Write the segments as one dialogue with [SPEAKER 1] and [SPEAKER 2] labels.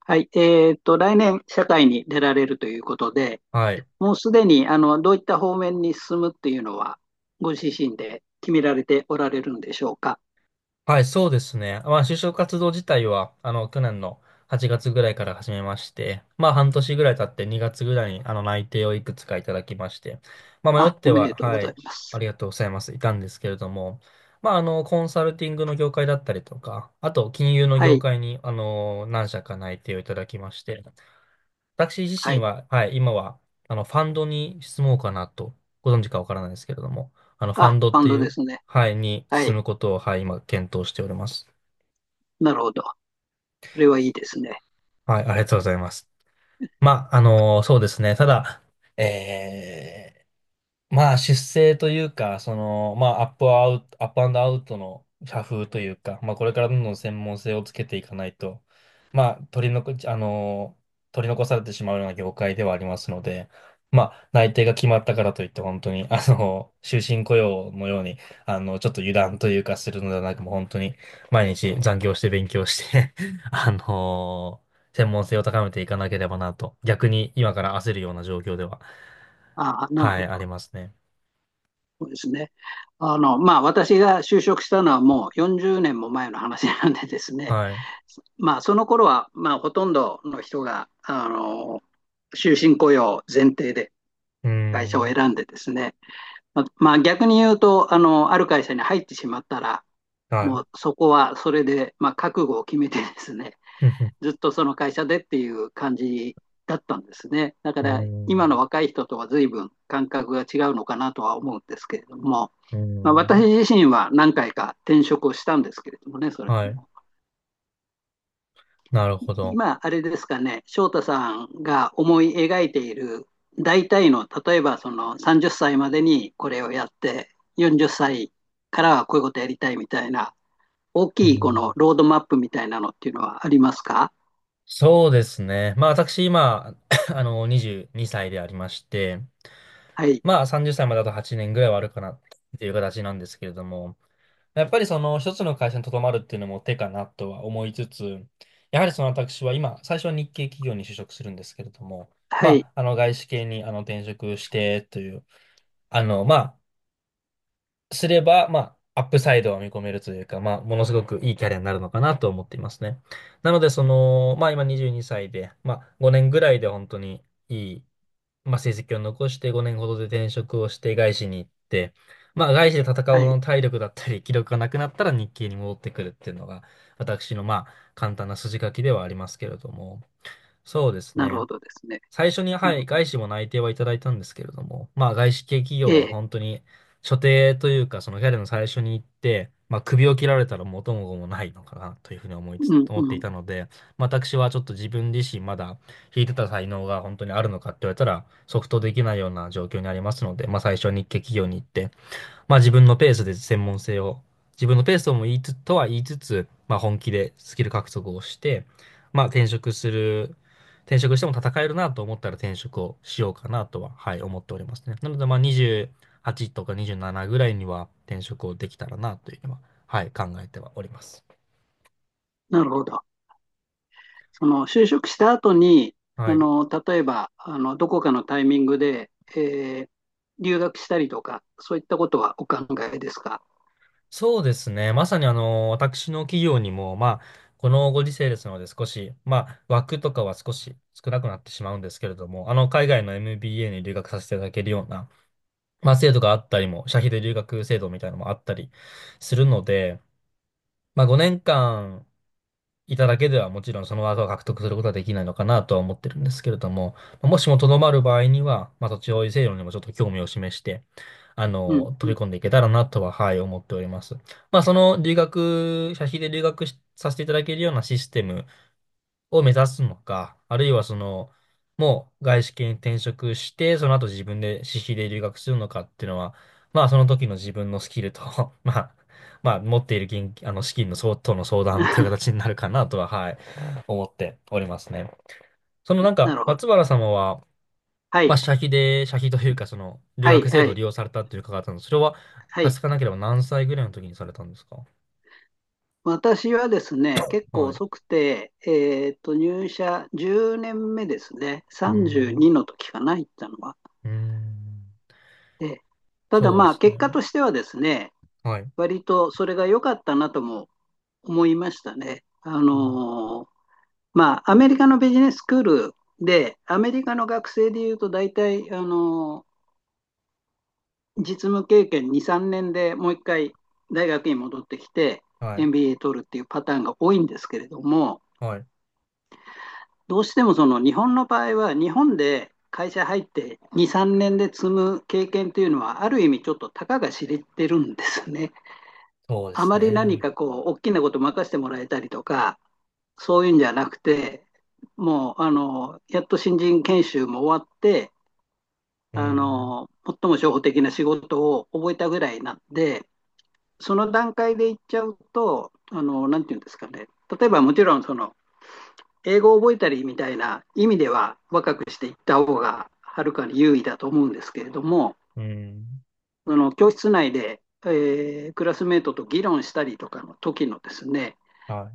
[SPEAKER 1] はい。来年、社会に出られるということで、
[SPEAKER 2] はい。
[SPEAKER 1] もうすでに、どういった方面に進むっていうのは、ご自身で決められておられるんでしょうか。
[SPEAKER 2] はい、そうですね。まあ、就職活動自体は、去年の8月ぐらいから始めまして、まあ、半年ぐらい経って2月ぐらいに、内定をいくつかいただきまして、まあ、迷
[SPEAKER 1] あ、
[SPEAKER 2] って
[SPEAKER 1] おめ
[SPEAKER 2] は、
[SPEAKER 1] でとうご
[SPEAKER 2] は
[SPEAKER 1] ざい
[SPEAKER 2] い、
[SPEAKER 1] ま
[SPEAKER 2] あ
[SPEAKER 1] す。
[SPEAKER 2] りがとうございます、いたんですけれども、まあ、コンサルティングの業界だったりとか、あと、金融の
[SPEAKER 1] は
[SPEAKER 2] 業
[SPEAKER 1] い。
[SPEAKER 2] 界に、何社か内定をいただきまして、私自
[SPEAKER 1] は
[SPEAKER 2] 身
[SPEAKER 1] い。
[SPEAKER 2] は、はい、今は、ファンドに質問かなと、ご存知かわからないですけれども、ファ
[SPEAKER 1] あ、
[SPEAKER 2] ンドっ
[SPEAKER 1] バ
[SPEAKER 2] て
[SPEAKER 1] ンド
[SPEAKER 2] い
[SPEAKER 1] で
[SPEAKER 2] う、
[SPEAKER 1] すね。
[SPEAKER 2] はい、に
[SPEAKER 1] は
[SPEAKER 2] 進
[SPEAKER 1] い。
[SPEAKER 2] むことを、はい、今、検討しております。
[SPEAKER 1] なるほど。それはいいですね。
[SPEAKER 2] はい、ありがとうございます。まあ、そうですね。ただ、えーまあ、出世というか、その、まあ、アップアンドアウトの社風というか、まあ、これからどんどん専門性をつけていかないと、まあ、取り残されてしまうような業界ではありますので、まあ、内定が決まったからといって、本当に、終身雇用のように、ちょっと油断というかするのではなく、もう本当に、毎日残業して勉強して あの、専門性を高めていかなければなと、逆に今から焦るような状況では、
[SPEAKER 1] あ、なる
[SPEAKER 2] は
[SPEAKER 1] ほ
[SPEAKER 2] い、あり
[SPEAKER 1] ど。
[SPEAKER 2] ますね。
[SPEAKER 1] そうですね。まあ、私が就職したのはもう40年も前の話なんでですね。
[SPEAKER 2] はい。う
[SPEAKER 1] まあ、その頃は、まあ、ほとんどの人が、終身雇用前提で
[SPEAKER 2] ー
[SPEAKER 1] 会社を
[SPEAKER 2] ん。
[SPEAKER 1] 選んでですね、まあ、逆に言うとあの、ある会社に入ってしまったら、
[SPEAKER 2] はい。
[SPEAKER 1] もうそこはそれで、まあ、覚悟を決めてですね、
[SPEAKER 2] ふんふん。
[SPEAKER 1] ずっとその会社でっていう感じだったんですね。だか
[SPEAKER 2] うー
[SPEAKER 1] ら今
[SPEAKER 2] ん。
[SPEAKER 1] の若い人とは随分感覚が違うのかなとは思うんですけれども、
[SPEAKER 2] うー
[SPEAKER 1] まあ、私
[SPEAKER 2] ん。
[SPEAKER 1] 自身は何回か転職をしたんですけれどもね、それ
[SPEAKER 2] は
[SPEAKER 1] で
[SPEAKER 2] い。
[SPEAKER 1] も。
[SPEAKER 2] なるほど。
[SPEAKER 1] 今、あれですかね、翔太さんが思い描いている大体の、例えばその30歳までにこれをやって、40歳からはこういうことやりたいみたいな、大
[SPEAKER 2] う
[SPEAKER 1] きいこ
[SPEAKER 2] ん。
[SPEAKER 1] のロードマップみたいなのっていうのはありますか？
[SPEAKER 2] そうですね。まあ私今、22歳でありまして、
[SPEAKER 1] はい、
[SPEAKER 2] まあ30歳まであと8年ぐらいはあるかなっていう形なんですけれども、やっぱりその一つの会社に留まるっていうのも手かなとは思いつつ、やはりその私は今、最初は日系企業に就職するんですけれども、
[SPEAKER 1] はい、
[SPEAKER 2] まあ、外資系に転職してという、あの、ますれば、まあ、アップサイドは見込めるというか、まあ、ものすごくいいキャリアになるのかなと思っていますね。なので、その、まあ、今22歳で、まあ、5年ぐらいで本当にいい、まあ、成績を残して5年ほどで転職をして外資に行って、まあ、外資で戦う
[SPEAKER 1] は
[SPEAKER 2] ほど
[SPEAKER 1] い、
[SPEAKER 2] の体力だったり、気力がなくなったら日系に戻ってくるっていうのが、私の、まあ、簡単な筋書きではありますけれども、そうです
[SPEAKER 1] なる
[SPEAKER 2] ね。
[SPEAKER 1] ほどですね。
[SPEAKER 2] 最初に、
[SPEAKER 1] う
[SPEAKER 2] はい、
[SPEAKER 1] ん、
[SPEAKER 2] 外資も内定はいただいたんですけれども、まあ外資系企業
[SPEAKER 1] え
[SPEAKER 2] は
[SPEAKER 1] え、
[SPEAKER 2] 本当に所定というか、そのキャリアの最初に行って、まあ首を切られたら元も子もないのかなというふうに思いつ、
[SPEAKER 1] う ん、
[SPEAKER 2] 思って
[SPEAKER 1] う
[SPEAKER 2] い
[SPEAKER 1] ん、
[SPEAKER 2] たので、まあ私はちょっと自分自身まだ引いてた才能が本当にあるのかって言われたら、即答できないような状況にありますので、まあ最初は日系企業に行って、まあ自分のペースで専門性を、自分のペースとも言いつ、とは言いつつ、まあ本気でスキル獲得をして、まあ転職する、転職しても戦えるなと思ったら転職をしようかなとは、はい、思っておりますね。なのでまあ28とか27ぐらいには転職をできたらなというのは、はい、考えてはおります。
[SPEAKER 1] なるほど。その就職した後に、
[SPEAKER 2] は
[SPEAKER 1] あ
[SPEAKER 2] い。
[SPEAKER 1] の例えばあのどこかのタイミングで、留学したりとか、そういったことはお考えですか？
[SPEAKER 2] そうですね。まさに私の企業にも、まあ、このご時世ですので少し、まあ、枠とかは少し少なくなってしまうんですけれども、海外の MBA に留学させていただけるような、まあ、制度があったりも、社費で留学制度みたいなのもあったりするので、まあ、5年間いただけではもちろんその技を獲得することはできないのかなとは思ってるんですけれども、まあもしもとどまる場合には、まあ、土地保有制度にもちょっと興味を示して、
[SPEAKER 1] うん、う
[SPEAKER 2] 飛
[SPEAKER 1] ん。
[SPEAKER 2] び込んでいけたらなとは、はい、思っております。まあ、その留学、社費で留学しさせていただけるようなシステムを目指すのか、あるいはその、もう外資系に転職して、その後自分で私費で留学するのかっていうのは、まあその時の自分のスキルと まあ、まあ持っている現金、資金の相当の相談という形に なるかなとは、はい、思っておりますね。そのなん
[SPEAKER 1] な
[SPEAKER 2] か、
[SPEAKER 1] るほ
[SPEAKER 2] 松
[SPEAKER 1] ど。
[SPEAKER 2] 原様は、
[SPEAKER 1] は
[SPEAKER 2] まあ、
[SPEAKER 1] い、
[SPEAKER 2] 社費というか、その、留
[SPEAKER 1] はい、
[SPEAKER 2] 学制
[SPEAKER 1] は
[SPEAKER 2] 度を
[SPEAKER 1] い、
[SPEAKER 2] 利用されたっていう伺ったので、それは、
[SPEAKER 1] は
[SPEAKER 2] さす
[SPEAKER 1] い。
[SPEAKER 2] がなければ何歳ぐらいの時にされたんですか？
[SPEAKER 1] 私はですね、結構
[SPEAKER 2] はい。
[SPEAKER 1] 遅くて、入社10年目ですね。
[SPEAKER 2] うーん。
[SPEAKER 1] 32の時かな、行ったのは。
[SPEAKER 2] うーん。
[SPEAKER 1] で、ただ
[SPEAKER 2] そうで
[SPEAKER 1] まあ、
[SPEAKER 2] すね。
[SPEAKER 1] 結果としてはですね、
[SPEAKER 2] はい。
[SPEAKER 1] 割とそれが良かったなとも思いましたね。
[SPEAKER 2] うん。
[SPEAKER 1] まあ、アメリカのビジネススクールで、アメリカの学生でいうと大体、実務経験2、3年でもう一回大学に戻ってきて
[SPEAKER 2] はい。
[SPEAKER 1] MBA 取るっていうパターンが多いんですけれども、
[SPEAKER 2] はい。
[SPEAKER 1] どうしてもその日本の場合は日本で会社入って2、3年で積む経験というのはある意味ちょっとたかが知れてるんですね。
[SPEAKER 2] そうで
[SPEAKER 1] あ
[SPEAKER 2] す
[SPEAKER 1] まり何
[SPEAKER 2] ね。
[SPEAKER 1] かこう大きなこと任せてもらえたりとかそういうんじゃなくてもうやっと新人研修も終わって
[SPEAKER 2] うん。
[SPEAKER 1] 最も初歩的な仕事を覚えたぐらいなんで、その段階でいっちゃうと、なんていうんですかね、例えばもちろんその英語を覚えたりみたいな意味では若くしていった方がはるかに優位だと思うんですけれども、
[SPEAKER 2] うん。
[SPEAKER 1] その教室内で、クラスメートと議論したりとかの時のですね、
[SPEAKER 2] は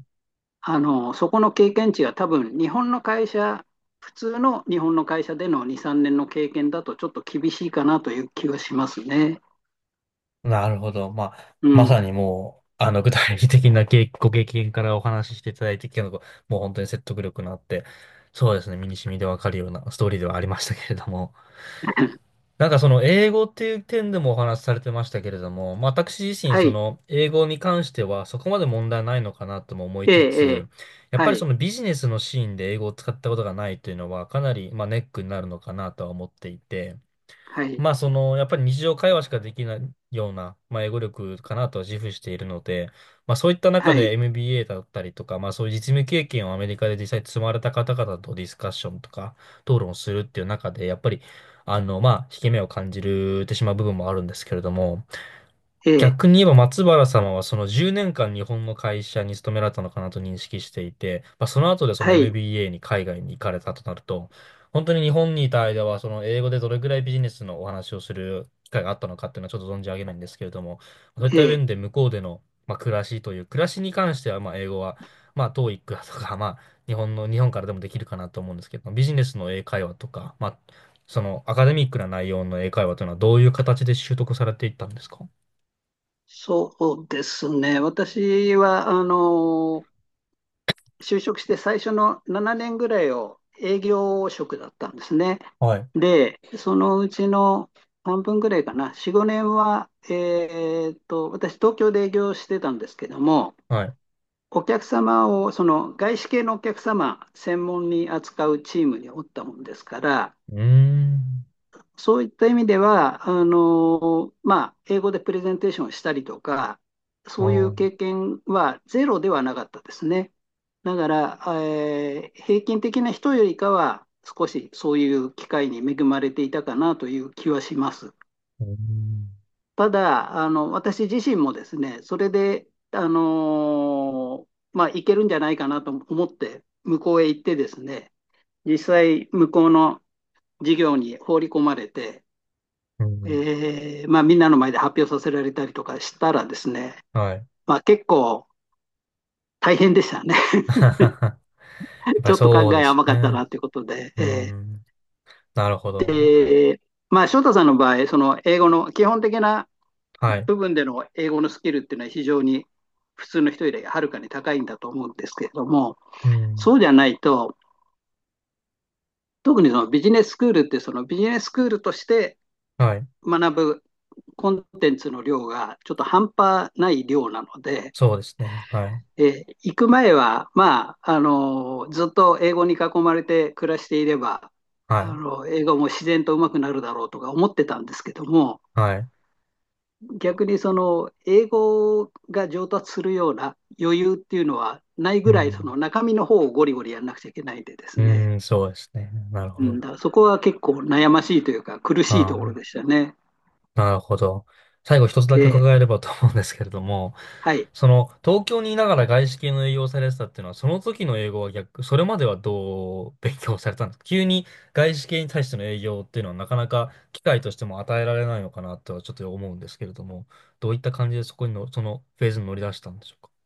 [SPEAKER 1] そこの経験値が多分日本の会社、普通の日本の会社での2、3年の経験だとちょっと厳しいかなという気がしますね。
[SPEAKER 2] い。なるほど。まあ、
[SPEAKER 1] う
[SPEAKER 2] まさ
[SPEAKER 1] ん。
[SPEAKER 2] にもう、具体的な経ご経験からお話ししていただいてきたのが、もう本当に説得力のあって、そうですね、身に染みでわかるようなストーリーではありましたけれども。なんかその英語っていう点でもお話しされてましたけれども、まあ、私自身
[SPEAKER 1] は
[SPEAKER 2] そ
[SPEAKER 1] い。
[SPEAKER 2] の英語に関してはそこまで問題ないのかなとも思い
[SPEAKER 1] え
[SPEAKER 2] つ
[SPEAKER 1] え
[SPEAKER 2] つ、やっ
[SPEAKER 1] は
[SPEAKER 2] ぱりそ
[SPEAKER 1] い。
[SPEAKER 2] のビジネスのシーンで英語を使ったことがないというのはかなりまあネックになるのかなとは思っていて、
[SPEAKER 1] はい。
[SPEAKER 2] まあ、その、やっぱり日常会話しかできないような、まあ、英語力かなとは自負しているので、まあ、そういった中
[SPEAKER 1] は
[SPEAKER 2] で
[SPEAKER 1] い。
[SPEAKER 2] MBA だったりとか、まあ、そういう実務経験をアメリカで実際積まれた方々とディスカッションとか、討論をするっていう中で、やっぱり、まあ、引け目を感じるてしまう部分もあるんですけれども、
[SPEAKER 1] ええ、
[SPEAKER 2] 逆に言えば松原様はその10年間日本の会社に勤められたのかなと認識していて、まあ、その後でその
[SPEAKER 1] はい、
[SPEAKER 2] MBA に海外に行かれたとなると、本当に日本にいた間はその英語でどれぐらいビジネスのお話をする機会があったのかっていうのはちょっと存じ上げないんですけれども、そういっ
[SPEAKER 1] え
[SPEAKER 2] た
[SPEAKER 1] え、
[SPEAKER 2] 面で向こうでの、まあ、暮らしに関してはまあ英語は、まあトーイックだとか、まあ日本からでもできるかなと思うんですけど、ビジネスの英会話とか、まあそのアカデミックな内容の英会話というのはどういう形で習得されていったんですか？
[SPEAKER 1] そうですね。私は、就職して最初の7年ぐらいを営業職だったんですね。
[SPEAKER 2] はい。
[SPEAKER 1] で、そのうちの半分ぐらいかな、4、5年は、私、東京で営業してたんですけども、
[SPEAKER 2] はい。
[SPEAKER 1] お客様を、その外資系のお客様専門に扱うチームにおったもんですから、
[SPEAKER 2] うーん。
[SPEAKER 1] そういった意味では、まあ、英語でプレゼンテーションをしたりとか、
[SPEAKER 2] あ
[SPEAKER 1] そういう
[SPEAKER 2] ー、
[SPEAKER 1] 経験はゼロではなかったですね。だから、平均的な人よりかは、少しそういう機会に恵まれていたかなという気はします。
[SPEAKER 2] うーん。
[SPEAKER 1] ただ、私自身もですね、それで、まあ、いけるんじゃないかなと思って、向こうへ行ってですね、実際、向こうの事業に放り込まれて、
[SPEAKER 2] うん。
[SPEAKER 1] まあ、みんなの前で発表させられたりとかしたらですね、
[SPEAKER 2] はい。
[SPEAKER 1] まあ、結構大変でしたね。
[SPEAKER 2] やっ ぱ
[SPEAKER 1] ち
[SPEAKER 2] り
[SPEAKER 1] ょっと考
[SPEAKER 2] そうで
[SPEAKER 1] え
[SPEAKER 2] すよ
[SPEAKER 1] 甘かった
[SPEAKER 2] ね。
[SPEAKER 1] なということで、
[SPEAKER 2] うーん。なるほど。
[SPEAKER 1] ーえーまあ、翔太さんの場合、その英語の基本的な
[SPEAKER 2] はい。
[SPEAKER 1] 部分での英語のスキルっていうのは非常に普通の人よりはるかに高いんだと思うんですけれども、
[SPEAKER 2] うん。
[SPEAKER 1] そうじゃないと、特にそのビジネススクールってそのビジネススクールとして
[SPEAKER 2] はい。
[SPEAKER 1] 学ぶコンテンツの量がちょっと半端ない量なので、
[SPEAKER 2] そうですね。はい。
[SPEAKER 1] 行く前は、まあ、ずっと英語に囲まれて暮らしていれば、
[SPEAKER 2] はい。
[SPEAKER 1] 英語も自然と上手くなるだろうとか思ってたんですけども、
[SPEAKER 2] はい。
[SPEAKER 1] 逆にその、英語が上達するような余裕っていうのはない
[SPEAKER 2] う
[SPEAKER 1] ぐらい、そ
[SPEAKER 2] ん。
[SPEAKER 1] の中身の方をゴリゴリやんなくちゃいけないんでで
[SPEAKER 2] う
[SPEAKER 1] すね。
[SPEAKER 2] ーん、そうですね。なる
[SPEAKER 1] う
[SPEAKER 2] ほ
[SPEAKER 1] ん、
[SPEAKER 2] ど。
[SPEAKER 1] だからそこは結構悩ましいというか、苦しいと
[SPEAKER 2] あ
[SPEAKER 1] ころでし
[SPEAKER 2] あ、
[SPEAKER 1] たね。
[SPEAKER 2] なるほど。最後一つだ
[SPEAKER 1] え
[SPEAKER 2] け
[SPEAKER 1] ー
[SPEAKER 2] 伺えればと思うんですけれども、
[SPEAKER 1] はい。
[SPEAKER 2] その東京にいながら外資系の営業をされてたっていうのは、その時の英語は逆、それまではどう勉強されたんですか？急に外資系に対しての営業っていうのはなかなか機会としても与えられないのかなとはちょっと思うんですけれども、どういった感じでそのフェーズに乗り出したんでしょう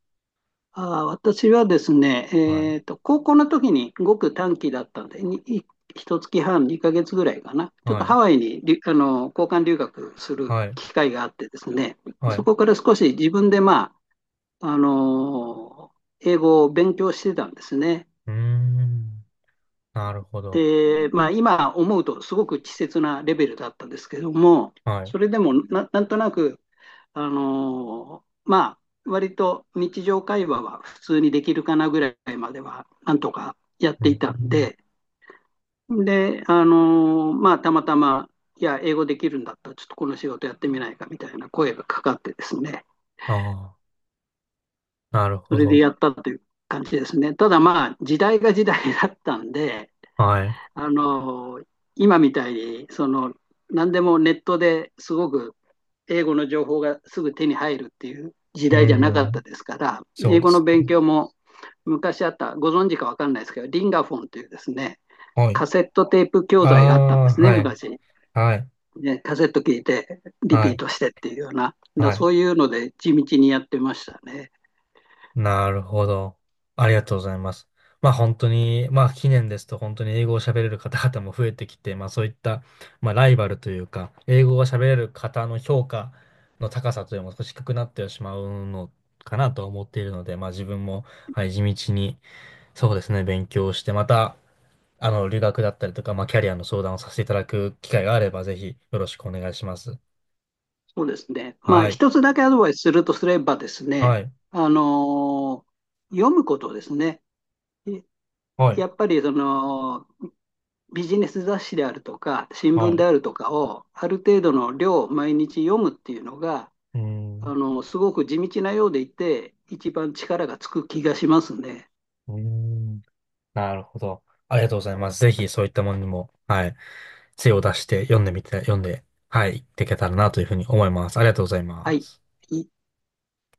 [SPEAKER 1] あー私はですね、
[SPEAKER 2] か？はい。
[SPEAKER 1] 高校の時にごく短期だったんで、1月半、2ヶ月ぐらいかな、ちょっと
[SPEAKER 2] はい。
[SPEAKER 1] ハワイにあの交換留学する
[SPEAKER 2] はい。
[SPEAKER 1] 機会があってですね、
[SPEAKER 2] はい。
[SPEAKER 1] そ
[SPEAKER 2] う
[SPEAKER 1] こから少し自分で、まあ、あの英語を勉強してたんですね。
[SPEAKER 2] ーん。なるほど。
[SPEAKER 1] で、まあ、今思うとすごく稚拙なレベルだったんですけども、
[SPEAKER 2] はい。う
[SPEAKER 1] それでもなんとなくまあ、割と日常会話は普通にできるかなぐらいまでは、なんとかやっ
[SPEAKER 2] ー
[SPEAKER 1] ていたん
[SPEAKER 2] ん。
[SPEAKER 1] で、で、まあ、たまたま、いや、英語できるんだったら、ちょっとこの仕事やってみないかみたいな声がかかってですね、
[SPEAKER 2] ああ、なる
[SPEAKER 1] そ
[SPEAKER 2] ほ
[SPEAKER 1] れで
[SPEAKER 2] ど。
[SPEAKER 1] やったという感じですね。ただまあ、時代が時代だったんで、
[SPEAKER 2] はい。
[SPEAKER 1] あのー今みたいに、その、何でもネットですごく英語の情報がすぐ手に入るっていう時
[SPEAKER 2] うー
[SPEAKER 1] 代じゃなかった
[SPEAKER 2] ん。
[SPEAKER 1] ですから、
[SPEAKER 2] そう
[SPEAKER 1] 英
[SPEAKER 2] で
[SPEAKER 1] 語の
[SPEAKER 2] す
[SPEAKER 1] 勉
[SPEAKER 2] ね。
[SPEAKER 1] 強も昔あった、ご存知か分かんないですけど、リンガフォンというですね、
[SPEAKER 2] はい。
[SPEAKER 1] カセットテープ教
[SPEAKER 2] あ
[SPEAKER 1] 材があったんで
[SPEAKER 2] あ、
[SPEAKER 1] すね、
[SPEAKER 2] はい。
[SPEAKER 1] 昔。
[SPEAKER 2] はい。
[SPEAKER 1] ね、カセット聞いて、リ
[SPEAKER 2] は
[SPEAKER 1] ピー
[SPEAKER 2] い。
[SPEAKER 1] トしてっていうような、だ
[SPEAKER 2] はい。
[SPEAKER 1] そういうので地道にやってましたね。
[SPEAKER 2] なるほど。ありがとうございます。まあ本当に、まあ近年ですと本当に英語を喋れる方々も増えてきて、まあそういった、まあライバルというか、英語が喋れる方の評価の高さというのも少し低くなってしまうのかなと思っているので、まあ自分も、はい、地道に、そうですね、勉強して、また、留学だったりとか、まあキャリアの相談をさせていただく機会があれば、ぜひよろしくお願いします。
[SPEAKER 1] そうですね。まあ、
[SPEAKER 2] はい。
[SPEAKER 1] 一つだけアドバイスするとすればです
[SPEAKER 2] は
[SPEAKER 1] ね、
[SPEAKER 2] い。
[SPEAKER 1] あのー読むことですね。
[SPEAKER 2] はい、
[SPEAKER 1] やっぱりそのビジネス雑誌であるとか、新
[SPEAKER 2] は
[SPEAKER 1] 聞で
[SPEAKER 2] い。
[SPEAKER 1] あるとかを、ある程度の量毎日読むっていうのが、
[SPEAKER 2] うーん。
[SPEAKER 1] すごく地道なようでいて、一番力がつく気がしますね。
[SPEAKER 2] うーん。なるほど。ありがとうございます。ぜひそういったものにも、はい、精を出して読んでみて、読んで、はい、いっていけたらなというふうに思います。ありがとうござい
[SPEAKER 1] は
[SPEAKER 2] ま
[SPEAKER 1] い。
[SPEAKER 2] す。
[SPEAKER 1] い